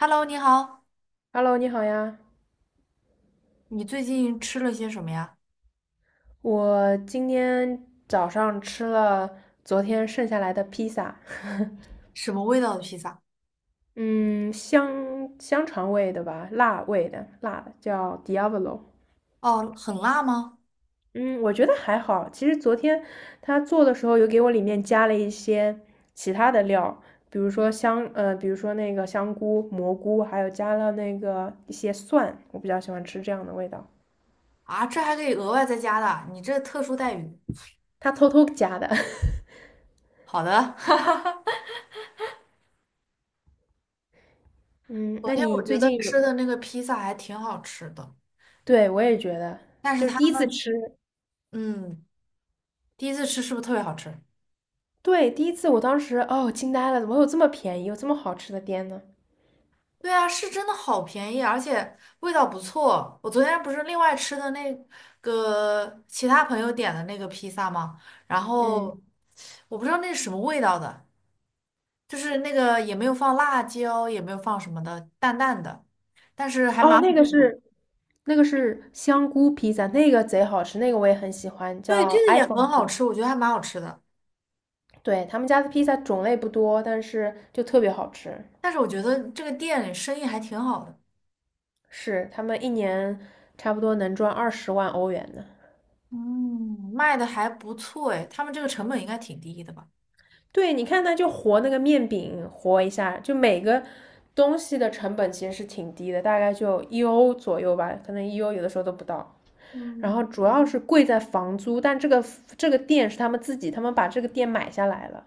Hello，你好，Hello，你好呀！你最近吃了些什么呀？我今天早上吃了昨天剩下来的披萨，什么味道的披萨？嗯，香肠味的吧，辣味的，辣的叫 Diavolo。哦，很辣吗？嗯，我觉得还好。其实昨天他做的时候有给我里面加了一些其他的料，比如说那个香菇、蘑菇，还有加了那个一些蒜，我比较喜欢吃这样的味道。啊，这还可以额外再加的啊，你这特殊待遇。他偷偷加的。好的，嗯，昨那天我你觉最得近吃有？的那个披萨还挺好吃的，对，我也觉得，但是就是他第一次们，吃，嗯，第一次吃是不是特别好吃？对，第一次我当时哦惊呆了，怎么有这么便宜，有这么好吃的店呢？对啊，是真的好便宜，而且味道不错。我昨天不是另外吃的那个其他朋友点的那个披萨吗？然嗯。后我不知道那是什么味道的，就是那个也没有放辣椒，也没有放什么的，淡淡的，但是还哦，蛮，那个是那个是香菇披萨，那个贼好吃，那个我也很喜欢，对，这叫 个也 iPhone 很披好萨。吃，我觉得还蛮好吃的。对，他们家的披萨种类不多，但是就特别好吃，但是我觉得这个店生意还挺好的，是他们一年差不多能赚20万欧元呢。嗯，卖的还不错哎，他们这个成本应该挺低的吧？对，你看它就和那个面饼和一下，就每个东西的成本其实是挺低的，大概就一欧左右吧，可能一欧有的时候都不到。然嗯，后主要是贵在房租，但这个店是他们自己，他们把这个店买下来了。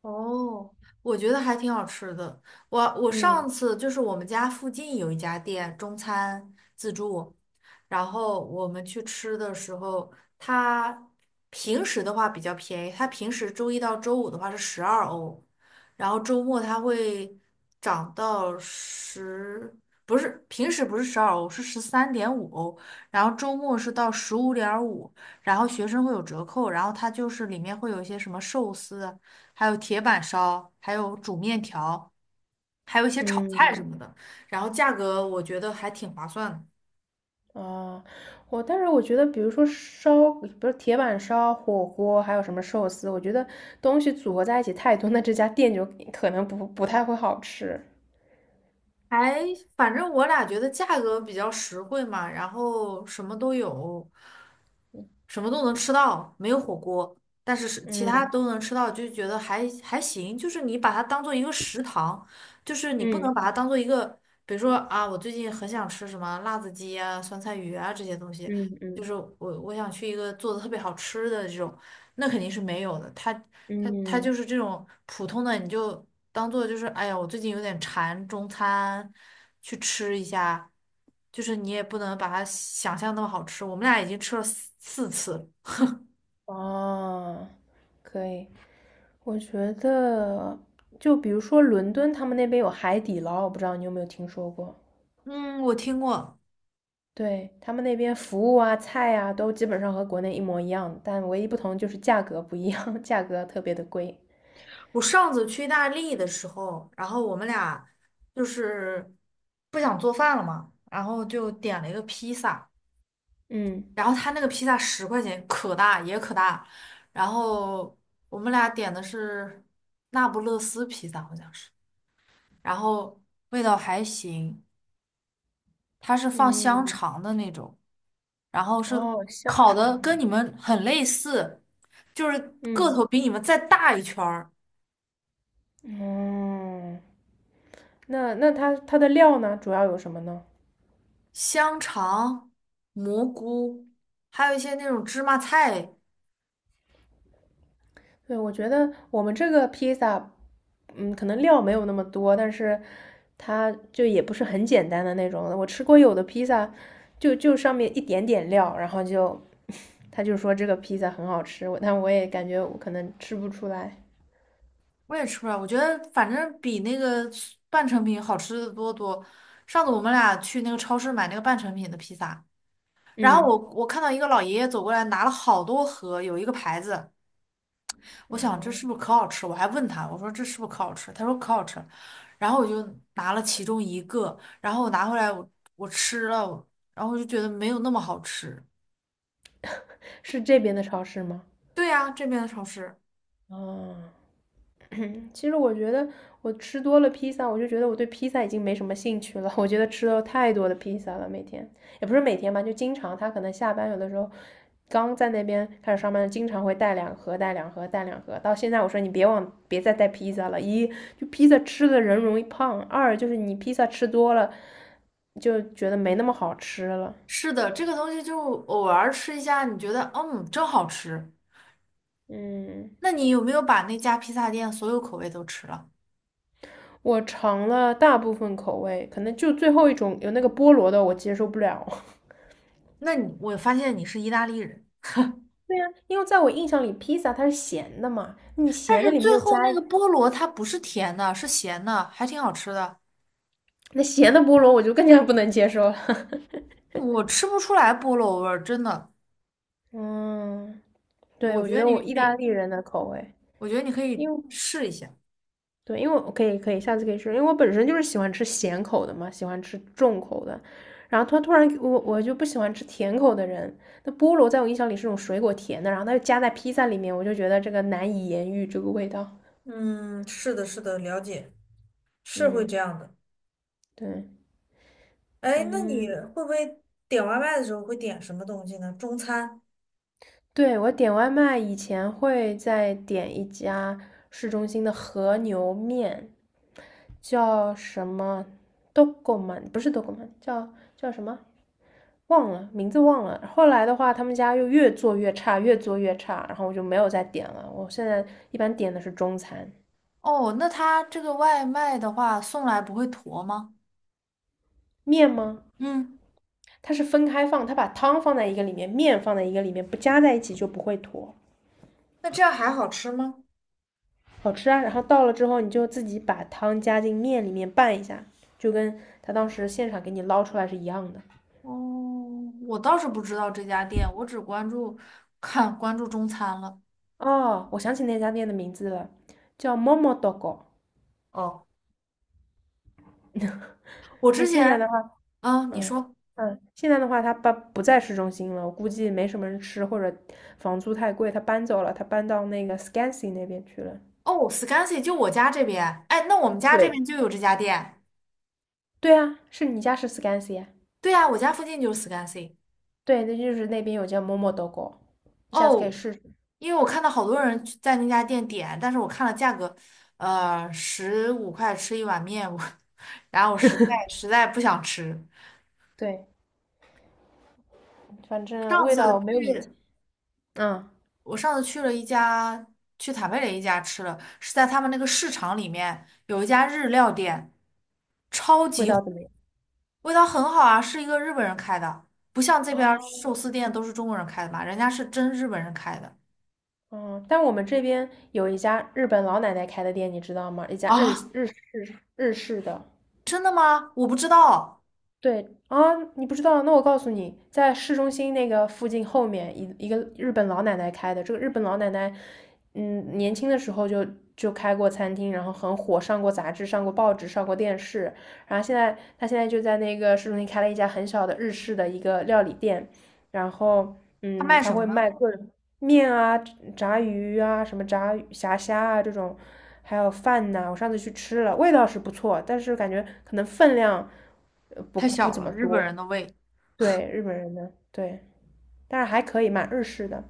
哦，我觉得还挺好吃的。我上嗯。次就是我们家附近有一家店中餐自助，然后我们去吃的时候，它平时的话比较便宜，它平时周一到周五的话是十二欧，然后周末它会涨到十，不是，平时不是十二欧，是13.5欧，然后周末是到15.5，然后学生会有折扣，然后它就是里面会有一些什么寿司。还有铁板烧，还有煮面条，还有一些炒菜什嗯。么的。然后价格我觉得还挺划算的，啊，但是我觉得，比如说烧，不是铁板烧、火锅，还有什么寿司，我觉得东西组合在一起太多，那这家店就可能不太会好吃。还反正我俩觉得价格比较实惠嘛，然后什么都有，什么都能吃到，没有火锅，但是是其他嗯都能吃到，就觉得还行。就是你把它当做一个食堂，就是你不能嗯把它当做一个，比如说啊，我最近很想吃什么辣子鸡啊、酸菜鱼啊这些东西，嗯就嗯。是我想去一个做的特别好吃的这种，那肯定是没有的。它嗯，就是这种普通的，你就。当做就是哎呀，我最近有点馋中餐，去吃一下。就是你也不能把它想象那么好吃，我们俩已经吃了四次了哦，可以。我觉得，就比如说伦敦，他们那边有海底捞，我不知道你有没有听说过。嗯，我听过。对，他们那边服务啊、菜啊，都基本上和国内一模一样，但唯一不同就是价格不一样，价格特别的贵。我上次去意大利的时候，然后我们俩就是不想做饭了嘛，然后就点了一个披萨，嗯。然后他那个披萨10块钱，可大也可大。然后我们俩点的是那不勒斯披萨，好像是，然后味道还行。它是放香嗯，肠的那种，然后是哦，香烤的跟肠，你们很类似，就是个嗯头比你们再大一圈儿，嗯，那它的料呢，主要有什么呢？香肠、蘑菇，还有一些那种芝麻菜，对，我觉得我们这个披萨，嗯，可能料没有那么多，但是它就也不是很简单的那种。我吃过有的披萨，就上面一点点料，然后就 他就说这个披萨很好吃，我但我也感觉我可能吃不出来。我也吃不了，我觉得反正比那个半成品好吃的多。上次我们俩去那个超市买那个半成品的披萨，然后我嗯。我看到一个老爷爷走过来拿了好多盒，有一个牌子。我想这哦。是不是可好吃？我还问他，我说这是不是可好吃？他说可好吃。然后我就拿了其中一个，然后我拿回来我吃了，然后我就觉得没有那么好吃。是这边的超市吗？对呀，这边的超市。哦。其实我觉得我吃多了披萨，我就觉得我对披萨已经没什么兴趣了。我觉得吃了太多的披萨了，每天也不是每天吧，就经常他可能下班有的时候刚在那边开始上班，经常会带两盒、带两盒、带两盒。到现在我说你别往别再带披萨了，一就披萨吃的人容易胖，二就是你披萨吃多了就觉得没那么好吃了。是的，这个东西就偶尔吃一下，你觉得嗯真好吃。嗯，那你有没有把那家披萨店所有口味都吃了？我尝了大部分口味，可能就最后一种有那个菠萝的我接受不了。那你我发现你是意大利人，对呀，因为在我印象里，披萨它是咸的嘛，你但咸是的里面最又后加那一个菠萝它不是甜的，是咸的，还挺好吃的。那咸的菠萝，我就更加不能接受了。我吃不出来菠萝味儿，真的。嗯，对，我我觉觉得得我你意大那利人的口味，我觉得你可以因为试一下。对，因为我可以下次可以吃，因为我本身就是喜欢吃咸口的嘛，喜欢吃重口的。然后他突然我就不喜欢吃甜口的人，那菠萝在我印象里是种水果甜的，然后它又加在披萨里面，我就觉得这个难以言喻这个味道。嗯，是的，是的，了解，是会这嗯，样的。对，哎，那你嗯。会不会点外卖的时候会点什么东西呢？中餐？对，我点外卖以前会在点一家市中心的和牛面，叫什么 d o g m a 不是 d o g m a 叫什么忘了，名字忘了。后来的话，他们家又越做越差，越做越差，然后我就没有再点了。我现在一般点的是中餐哦，那他这个外卖的话送来不会坨吗？面吗？嗯，它是分开放，它把汤放在一个里面，面放在一个里面，不加在一起就不会坨。那这样还好吃吗？好吃啊。然后到了之后，你就自己把汤加进面里面拌一下，就跟他当时现场给你捞出来是一样的。哦，我倒是不知道这家店，我只关注看关注中餐了。哦，我想起那家店的名字了，叫 Momo Dogo。哦，我那之现在的前，话，啊，你嗯。说，嗯，现在的话，他搬不在市中心了，我估计没什么人吃，或者房租太贵，他搬走了，他搬到那个 Scansy 那边去了。哦，Scansy 就我家这边，哎，那我们家这对，边就有这家店。对啊，是你家是 Scansy 啊？对啊，我家附近就是 Scansy。对，那就是那边有家 Momo Dogo，你下次可以哦，试试。因为我看到好多人去在那家店点，但是我看了价格，15块吃一碗面，我 然后我实在 实在不想吃。对。反正上味次道没有以前，去，嗯，我上次去了一家，去坦贝雷一家吃了，是在他们那个市场里面有一家日料店，超味级火道怎么样？味道很好啊，是一个日本人开的，不像这边儿啊，寿司店都是中国人开的嘛，人家是真日本人开的嗯，但我们这边有一家日本老奶奶开的店，你知道吗？一家日啊，日日式的，真的吗？我不知道，对啊，你不知道？那我告诉你，在市中心那个附近后面一个日本老奶奶开的。这个日本老奶奶，嗯，年轻的时候就开过餐厅，然后很火，上过杂志，上过报纸，上过电视。然后她现在就在那个市中心开了一家很小的日式的一个料理店，然后他嗯，卖他什么会卖呢？各种面啊、炸鱼啊、什么炸鱼虾啊这种，还有饭呐、我上次去吃了，味道是不错，但是感觉可能分量呃不太不小怎了，么日本多。人的胃。对，日本人的，对，但是还可以，蛮日式的。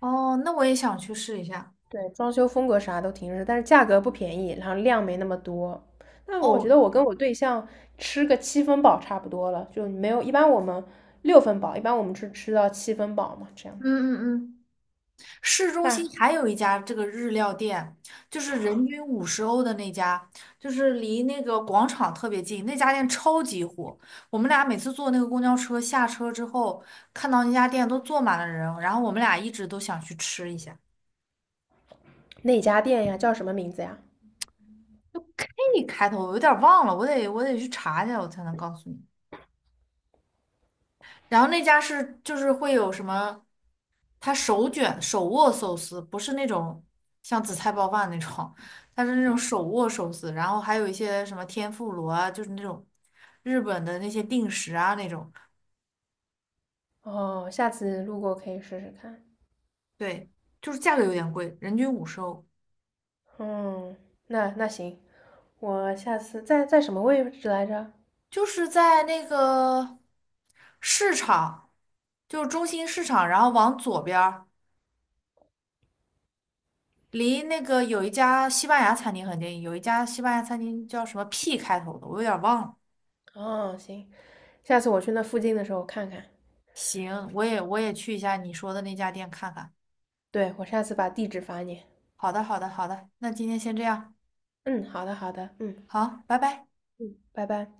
哦，那我也想去试一下。对，装修风格啥都挺日式，但是价格不便宜，然后量没那么多。那我觉哦，得我跟我对象吃个七分饱差不多了，就没有，一般我们六分饱，一般我们是吃到七分饱嘛，这样嗯子。嗯嗯，市中心但还有一家这个日料店，就是人均五十欧的那家，就是离那个广场特别近，那家店超级火。我们俩每次坐那个公交车下车之后，看到那家店都坐满了人，然后我们俩一直都想去吃一下。哪家店呀？叫什么名字呀？就 K 开头，我有点忘了，我得去查一下，我才能告诉你。然后那家是就是会有什么，它手卷手握寿司，不是那种像紫菜包饭那种，它是那种手握寿司，然后还有一些什么天妇罗啊，就是那种日本的那些定食啊那种，哦，下次路过可以试试看。对，就是价格有点贵，人均五十欧，嗯，那行，我下次在什么位置来着？就是在那个市场，就是中心市场，然后往左边儿。离那个有一家西班牙餐厅很近，有一家西班牙餐厅叫什么 P 开头的，我有点忘了。哦，行，下次我去那附近的时候看看。行，我也去一下你说的那家店看看。对，我下次把地址发你。好的，好的，好的，那今天先这样，嗯，好的好的，嗯，好，拜拜。拜拜。